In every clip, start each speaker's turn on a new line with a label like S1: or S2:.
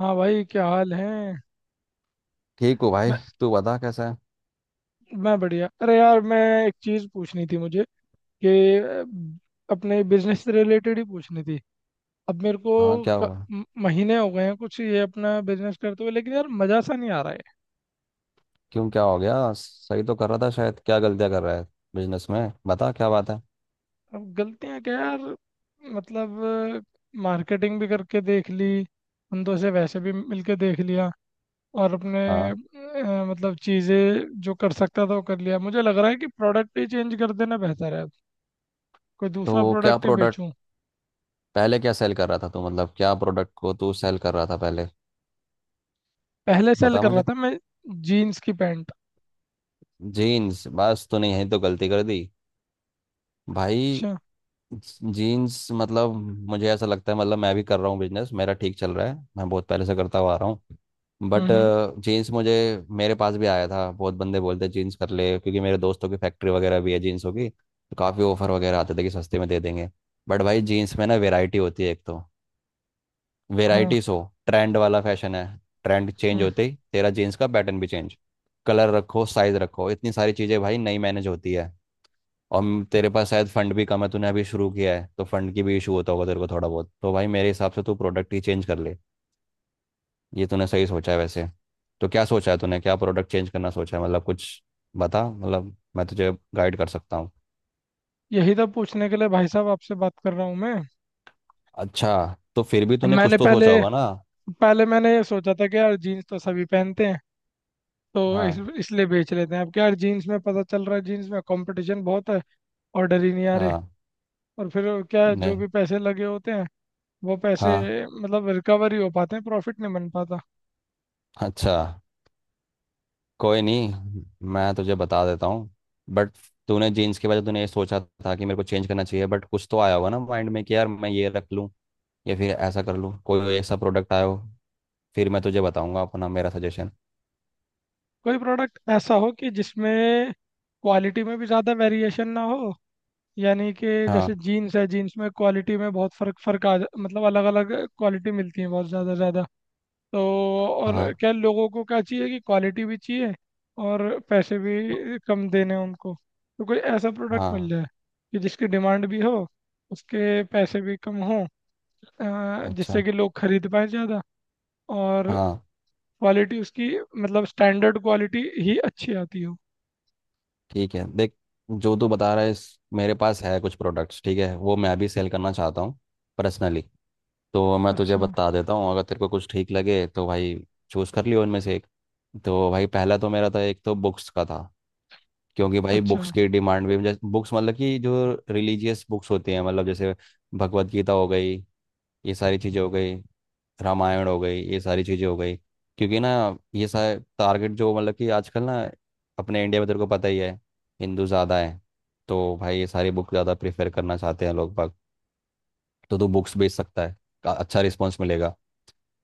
S1: हाँ भाई, क्या हाल है।
S2: ठीक हो भाई?
S1: मैं
S2: तू बता कैसा है?
S1: मैं बढ़िया। अरे यार, मैं एक चीज़ पूछनी थी मुझे कि अपने बिजनेस से रिलेटेड ही पूछनी थी। अब मेरे
S2: हाँ,
S1: को
S2: क्या हुआ?
S1: महीने हो गए हैं कुछ ये अपना बिजनेस करते हुए, लेकिन यार मज़ा सा नहीं आ रहा है।
S2: क्यों, क्या हो गया? सही तो कर रहा था शायद, क्या गलतियाँ कर रहा है बिजनेस में, बता क्या बात है।
S1: अब गलतियाँ क्या यार, मतलब मार्केटिंग भी करके देख ली, बंदों से वैसे भी मिलके देख लिया और अपने
S2: हाँ।
S1: मतलब चीज़ें जो कर सकता था वो कर लिया। मुझे लग रहा है कि प्रोडक्ट ही चेंज कर देना बेहतर है। कोई दूसरा
S2: तो क्या
S1: प्रोडक्ट ही
S2: प्रोडक्ट
S1: बेचूं।
S2: पहले क्या सेल कर रहा था तू, मतलब क्या प्रोडक्ट को तू सेल कर रहा था पहले,
S1: पहले सेल
S2: बता
S1: कर रहा
S2: मुझे।
S1: था मैं जीन्स की पैंट।
S2: जीन्स, बस तूने यही तो गलती कर दी भाई।
S1: अच्छा।
S2: जीन्स मतलब, मुझे ऐसा लगता है, मतलब मैं भी कर रहा हूँ बिजनेस, मेरा ठीक चल रहा है, मैं बहुत पहले से करता हुआ आ रहा हूँ,
S1: हम्म,
S2: बट
S1: हम्म।
S2: जीन्स मुझे मेरे पास भी आया था, बहुत बंदे बोलते हैं जीन्स कर ले, क्योंकि मेरे दोस्तों की फैक्ट्री वगैरह भी है जीन्सों की, तो काफ़ी ऑफर वगैरह आते थे कि सस्ते में दे देंगे। बट भाई जीन्स में ना वेराइटी होती है एक तो,
S1: हाँ।
S2: वेराइटी। सो ट्रेंड वाला फैशन है, ट्रेंड चेंज
S1: हम्म।
S2: होते ही तेरा जीन्स का पैटर्न भी चेंज। कलर रखो, साइज रखो, इतनी सारी चीज़ें भाई नई मैनेज होती है। और तेरे पास शायद फंड भी कम है, तूने अभी शुरू किया है, तो फंड की भी इशू होता होगा तेरे को थोड़ा बहुत, तो भाई मेरे हिसाब से तू प्रोडक्ट ही चेंज कर ले। ये तूने सही सोचा है वैसे। तो क्या सोचा है तूने, क्या प्रोडक्ट चेंज करना सोचा है मतलब कुछ? बता, मतलब मैं तुझे गाइड कर सकता हूँ।
S1: यही था पूछने के लिए भाई साहब आपसे बात कर रहा हूँ मैं।
S2: अच्छा। तो फिर भी
S1: अब
S2: तूने कुछ
S1: मैंने
S2: तो
S1: पहले
S2: सोचा होगा ना।
S1: पहले मैंने ये सोचा था कि यार जीन्स तो सभी पहनते हैं, तो इस
S2: हाँ।
S1: इसलिए बेच लेते हैं। अब क्या यार, जीन्स में पता चल रहा है जीन्स में कंपटीशन बहुत है। ऑर्डर ही नहीं आ रहे।
S2: हाँ।
S1: और फिर क्या है, जो
S2: नहीं।
S1: भी पैसे लगे होते हैं वो पैसे
S2: हाँ।
S1: मतलब रिकवर ही हो पाते हैं, प्रॉफिट नहीं बन पाता।
S2: अच्छा। कोई नहीं, मैं तुझे बता देता हूँ बट, तूने जीन्स के वजह तूने ये सोचा था कि मेरे को चेंज करना चाहिए, बट कुछ तो आया होगा ना माइंड में कि यार मैं ये रख लूँ या फिर ऐसा कर लूँ, कोई ऐसा प्रोडक्ट आया हो। फिर मैं तुझे बताऊंगा अपना मेरा सजेशन।
S1: कोई प्रोडक्ट ऐसा हो कि जिसमें क्वालिटी में भी ज़्यादा वेरिएशन ना हो। यानी कि
S2: हाँ।
S1: जैसे जीन्स है, जीन्स में क्वालिटी में बहुत फर्क फर्क आ जा, मतलब अलग अलग क्वालिटी मिलती है बहुत ज़्यादा ज़्यादा। तो और
S2: हाँ।
S1: क्या, लोगों को क्या चाहिए कि क्वालिटी भी चाहिए और पैसे भी कम देने हैं उनको। तो कोई ऐसा प्रोडक्ट मिल
S2: हाँ।
S1: जाए कि जिसकी डिमांड भी हो, उसके पैसे भी कम हो, जिससे
S2: अच्छा।
S1: कि लोग खरीद पाए ज़्यादा और
S2: हाँ
S1: क्वालिटी उसकी मतलब स्टैंडर्ड क्वालिटी ही अच्छी आती हो।
S2: ठीक है, देख जो तू बता रहा है मेरे पास है कुछ प्रोडक्ट्स, ठीक है, वो मैं भी सेल करना चाहता हूँ पर्सनली। तो मैं तुझे
S1: अच्छा।
S2: बता देता हूँ, अगर तेरे को कुछ ठीक लगे तो भाई चूज़ कर लियो उनमें से एक। तो भाई पहला तो मेरा था, एक तो बुक्स का था, क्योंकि भाई
S1: अच्छा।
S2: बुक्स की डिमांड भी। बुक्स मतलब कि जो रिलीजियस बुक्स होती हैं, मतलब जैसे भगवत गीता हो गई, ये सारी चीज़ें हो गई, रामायण हो गई, ये सारी चीज़ें हो गई, क्योंकि ना ये सारे टारगेट जो मतलब कि आजकल ना, अपने इंडिया में तेरे को पता ही है हिंदू ज़्यादा है, तो भाई ये सारी बुक ज़्यादा प्रेफर करना चाहते हैं लोग बाग। तो तू बुक्स बेच सकता है, अच्छा रिस्पॉन्स मिलेगा।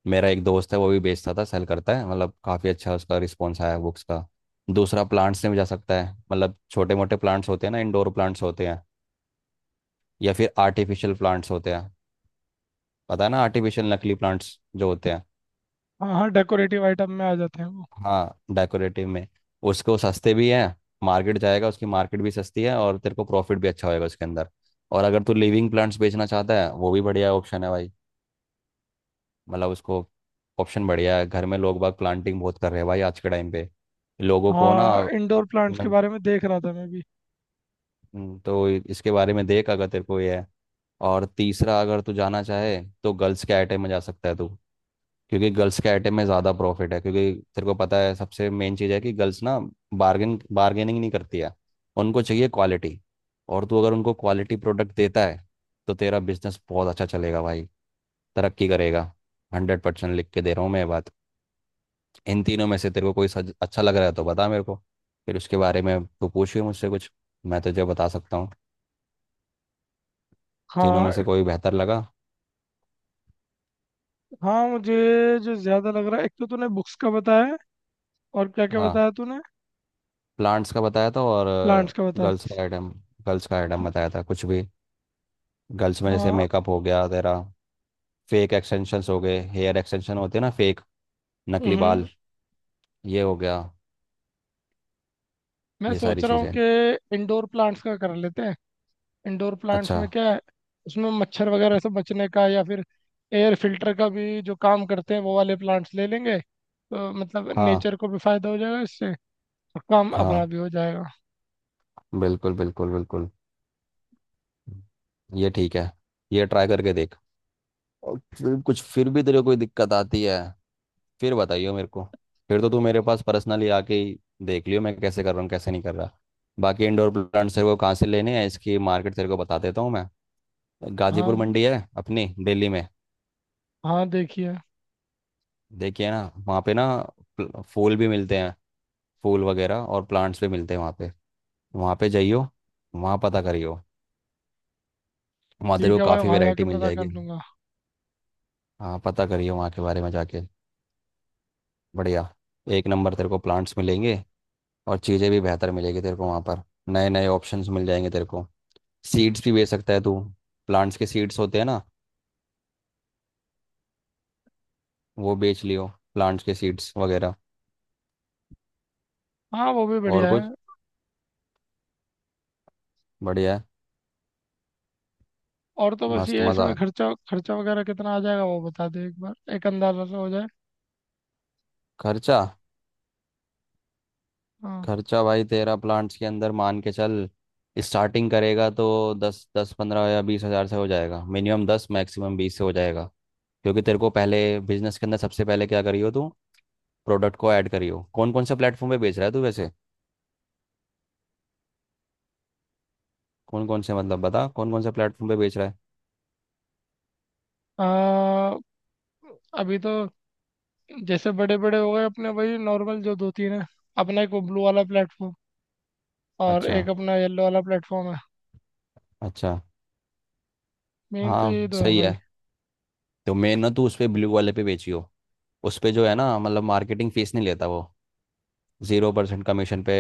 S2: मेरा एक दोस्त है वो भी बेचता था, सेल करता है मतलब, काफ़ी अच्छा उसका रिस्पॉन्स आया बुक्स का। दूसरा, प्लांट्स में भी जा सकता है, मतलब छोटे मोटे प्लांट्स होते हैं ना, इंडोर प्लांट्स होते हैं, या फिर आर्टिफिशियल प्लांट्स होते हैं। पता है ना, आर्टिफिशियल नकली प्लांट्स जो होते हैं।
S1: हाँ हाँ, डेकोरेटिव आइटम में आ जाते हैं वो।
S2: हाँ डेकोरेटिव में उसको, सस्ते भी है, मार्केट जाएगा उसकी मार्केट भी सस्ती है, और तेरे को प्रॉफिट भी अच्छा होएगा उसके अंदर। और अगर तू लिविंग प्लांट्स बेचना चाहता है, वो भी बढ़िया ऑप्शन है भाई, मतलब उसको ऑप्शन बढ़िया है। घर में लोग बाग प्लांटिंग बहुत कर रहे हैं भाई आज के टाइम पे, लोगों को ना
S1: हाँ, इंडोर प्लांट्स के
S2: मतलब।
S1: बारे में देख रहा था मैं भी।
S2: तो इसके बारे में देख अगर तेरे को ये है। और तीसरा, अगर तू जाना चाहे तो गर्ल्स के आइटम में जा सकता है तू, क्योंकि गर्ल्स के आइटम में ज़्यादा प्रॉफिट है, क्योंकि तेरे को पता है, सबसे मेन चीज़ है कि गर्ल्स ना बार्गेनिंग नहीं करती है। उनको चाहिए क्वालिटी, और तू अगर उनको क्वालिटी प्रोडक्ट देता है, तो तेरा बिजनेस बहुत अच्छा चलेगा भाई, तरक्की करेगा। 100% लिख के दे रहा हूँ मैं ये बात। इन तीनों में से तेरे को कोई अच्छा लग रहा है तो बता मेरे को, फिर उसके बारे में तू पूछिए मुझसे कुछ, मैं तुझे बता सकता हूँ। तीनों में
S1: हाँ।
S2: से कोई बेहतर लगा?
S1: हाँ, मुझे जो ज्यादा लग रहा है, एक तो तूने बुक्स का बताया है, और क्या क्या
S2: हाँ।
S1: बताया तूने।
S2: प्लांट्स का बताया था और
S1: प्लांट्स का बताया।
S2: गर्ल्स का आइटम, गर्ल्स का आइटम बताया था, कुछ भी। गर्ल्स में जैसे
S1: हाँ।
S2: मेकअप हो गया तेरा, फेक एक्सटेंशंस हो गए, हेयर एक्सटेंशन होते हैं ना फेक, नकली
S1: हम्म।
S2: बाल, ये हो गया,
S1: मैं
S2: ये सारी
S1: सोच रहा हूँ
S2: चीज़ें।
S1: कि इंडोर प्लांट्स का कर लेते हैं। इंडोर प्लांट्स
S2: अच्छा।
S1: में क्या है, उसमें मच्छर वगैरह से बचने का या फिर एयर फिल्टर का भी जो काम करते हैं वो वाले प्लांट्स ले लेंगे। तो मतलब
S2: हाँ,
S1: नेचर को भी फायदा हो जाएगा इससे और काम अपना
S2: हाँ,
S1: भी हो जाएगा।
S2: बिल्कुल बिल्कुल बिल्कुल। ये ठीक है, ये ट्राई करके देख। और फिर कुछ, फिर भी तेरे को कोई दिक्कत आती है, फिर बताइए मेरे को। फिर तो तू मेरे पास पर्सनली आके ही देख लियो मैं कैसे कर रहा हूँ कैसे नहीं कर रहा। बाकी इंडोर प्लांट्स तेरे को कहाँ से लेने हैं, इसकी मार्केट तेरे को बता देता हूँ मैं।
S1: हाँ
S2: गाजीपुर
S1: ब-
S2: मंडी है अपनी दिल्ली में।
S1: हाँ, देखिए।
S2: देखिए ना, वहाँ पे ना फूल भी मिलते हैं, फूल वगैरह, और प्लांट्स भी मिलते हैं वहाँ पे। वहाँ पे जाइयो, वहाँ पता करियो, वहाँ तेरे
S1: ठीक
S2: को
S1: है भाई,
S2: काफ़ी
S1: वहाँ जाके
S2: वैरायटी मिल
S1: पता कर
S2: जाएगी।
S1: लूंगा।
S2: हाँ पता करियो वहाँ के बारे में जाके। बढ़िया, एक नंबर तेरे को प्लांट्स मिलेंगे, और चीज़ें भी बेहतर मिलेगी तेरे को वहाँ पर, नए नए ऑप्शंस मिल जाएंगे तेरे को। सीड्स भी बेच सकता है तू, प्लांट्स के सीड्स होते हैं ना, वो बेच लियो, प्लांट्स के सीड्स वगैरह
S1: हाँ वो भी
S2: और
S1: बढ़िया है।
S2: कुछ। बढ़िया है।
S1: और तो बस
S2: मस्त,
S1: ये है,
S2: मज़ा।
S1: इसमें खर्चा खर्चा वगैरह कितना आ जाएगा वो बता दे एक बार, एक अंदाजा से हो जाए।
S2: खर्चा,
S1: हाँ।
S2: खर्चा भाई तेरा प्लांट्स के अंदर मान के चल, स्टार्टिंग करेगा तो दस दस 15 या 20 हज़ार से हो जाएगा, मिनिमम 10 मैक्सिमम 20 से हो जाएगा। क्योंकि तेरे को पहले, बिजनेस के अंदर सबसे पहले क्या करियो तू, प्रोडक्ट को ऐड करियो। कौन कौन से प्लेटफॉर्म पे बेच रहा है तू वैसे, कौन कौन से मतलब, बता कौन कौन से प्लेटफॉर्म पे बेच रहा है?
S1: आ, अभी तो जैसे बड़े बड़े हो गए अपने वही नॉर्मल जो दो तीन है, अपना एक वो ब्लू वाला प्लेटफॉर्म और
S2: अच्छा,
S1: एक अपना येलो वाला प्लेटफॉर्म है।
S2: अच्छा।
S1: मेन तो यही
S2: हाँ
S1: दो है
S2: सही
S1: भाई।
S2: है, तो मैं ना, तू उस पर ब्लू वाले पे बेचियो। उस पे जो है ना, मतलब मार्केटिंग फीस नहीं लेता वो, 0% कमीशन पे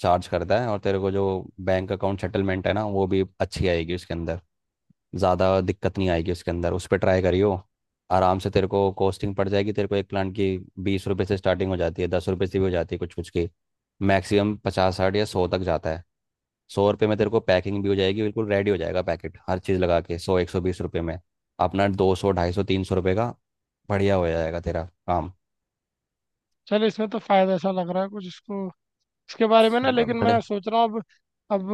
S2: चार्ज करता है। और तेरे को जो बैंक अकाउंट सेटलमेंट है ना वो भी अच्छी आएगी उसके अंदर, ज़्यादा दिक्कत नहीं आएगी उसके अंदर, उस पर ट्राई करियो। आराम से तेरे को कॉस्टिंग पड़ जाएगी तेरे को एक प्लांट की, 20 रुपए से स्टार्टिंग हो जाती है, 10 रुपए से भी हो जाती है कुछ कुछ की, मैक्सिमम 50, 60 या 100 तक जाता है। 100 रुपये में तेरे को पैकिंग भी हो जाएगी, बिल्कुल रेडी हो जाएगा पैकेट, हर चीज़ लगा के सौ 120 रुपये में, अपना 200, 250, 300 रुपये का बढ़िया हो जाएगा तेरा काम।
S1: चल, इसमें तो फायदा ऐसा लग रहा है कुछ इसको, इसके बारे में ना। लेकिन मैं
S2: बड़े,
S1: सोच रहा हूँ अब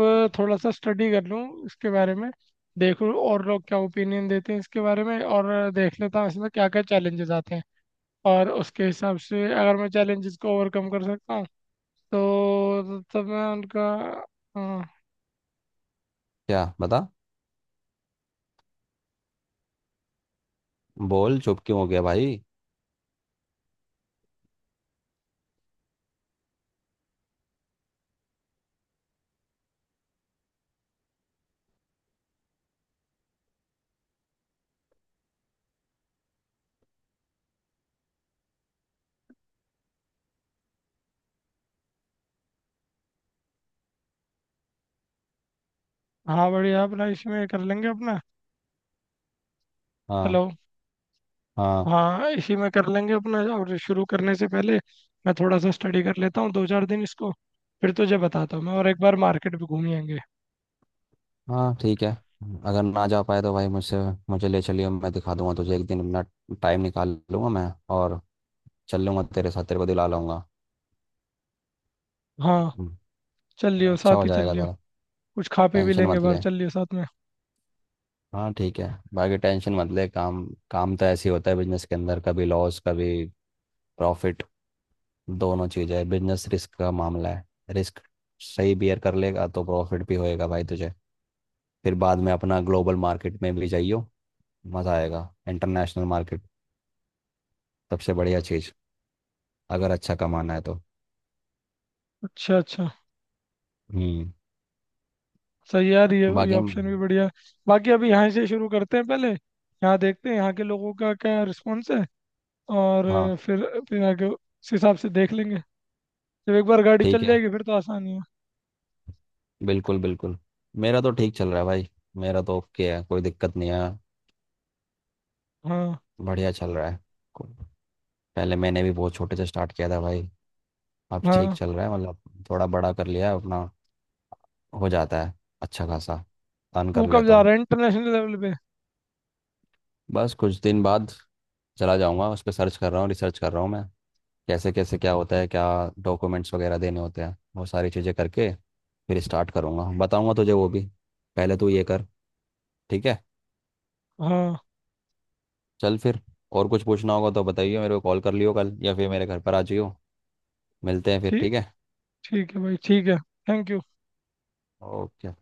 S1: अब थोड़ा सा स्टडी कर लूँ इसके बारे में, देखूँ और लोग क्या ओपिनियन देते हैं इसके बारे में, और देख लेता हूँ इसमें क्या क्या चैलेंजेस आते हैं। और उसके हिसाब से अगर मैं चैलेंजेस को ओवरकम कर सकता हूँ तो तब मैं उनका। हाँ।
S2: क्या बता, बोल, चुप क्यों हो गया भाई?
S1: हाँ, बढ़िया, अपना इसमें कर लेंगे अपना।
S2: हाँ।
S1: हेलो।
S2: हाँ।
S1: हाँ, इसी में कर लेंगे अपना। और शुरू करने से पहले मैं थोड़ा सा स्टडी कर लेता हूँ दो चार दिन इसको, फिर तुझे बताता हूँ मैं, और एक बार मार्केट भी घूम ही आएंगे।
S2: हाँ ठीक है, अगर ना जा पाए तो भाई मुझसे, मुझे ले चलियो, मैं दिखा दूंगा तुझे एक दिन, अपना टाइम निकाल लूंगा मैं, और चल लूंगा तेरे साथ, तेरे को दिला लाऊंगा।
S1: हाँ,
S2: हम्म,
S1: चल लियो,
S2: अच्छा
S1: साथ
S2: हो
S1: ही चल
S2: जाएगा
S1: लियो।
S2: ज़रा।
S1: कुछ खा पी भी
S2: टेंशन
S1: लेंगे
S2: मत
S1: बाहर,
S2: ले।
S1: चल लियो साथ में।
S2: हाँ ठीक है, बाकी टेंशन मत ले, काम, काम तो ऐसे ही होता है बिजनेस के अंदर, कभी लॉस कभी प्रॉफिट, दोनों चीज़ है, बिजनेस रिस्क का मामला है। रिस्क सही बियर कर लेगा तो प्रॉफिट भी होएगा भाई तुझे। फिर बाद में अपना ग्लोबल मार्केट में भी जाइयो, मज़ा आएगा, इंटरनेशनल मार्केट, सबसे बढ़िया चीज अगर अच्छा कमाना है तो।
S1: अच्छा अच्छा।
S2: हम्म।
S1: सही यार, ये
S2: बाकी
S1: ऑप्शन भी बढ़िया है। बाकी अभी यहाँ से शुरू करते हैं, पहले यहाँ देखते हैं यहाँ के लोगों का क्या रिस्पॉन्स है। और
S2: हाँ
S1: फिर आगे उस हिसाब से देख लेंगे। जब एक बार गाड़ी
S2: ठीक
S1: चल
S2: है,
S1: जाएगी फिर तो आसानी है।
S2: बिल्कुल बिल्कुल। मेरा तो ठीक चल रहा है भाई, मेरा तो ओके है, कोई दिक्कत नहीं है,
S1: हाँ।
S2: बढ़िया चल रहा है। को- पहले मैंने भी बहुत छोटे से स्टार्ट किया था भाई, अब ठीक
S1: हाँ,
S2: चल रहा है मतलब, थोड़ा बड़ा कर लिया है अपना, हो जाता है अच्छा खासा, अर्न
S1: तू
S2: कर
S1: कब
S2: लेता
S1: जा
S2: हूँ।
S1: रहा है इंटरनेशनल लेवल पे।
S2: बस कुछ दिन बाद चला जाऊँगा, उस पर सर्च कर रहा हूँ, रिसर्च कर रहा हूँ मैं, कैसे कैसे क्या होता है, क्या डॉक्यूमेंट्स वगैरह देने होते हैं, वो सारी चीज़ें करके फिर स्टार्ट करूँगा, बताऊँगा तुझे वो भी, पहले तू ये कर। ठीक है,
S1: हाँ।
S2: चल फिर, और कुछ पूछना होगा तो बताइए मेरे को, कॉल कर लियो कल, या फिर मेरे घर पर आ जाइयो, मिलते हैं फिर,
S1: ठीक
S2: ठीक है?
S1: ठीक है भाई, ठीक है। Thank you.
S2: ओके।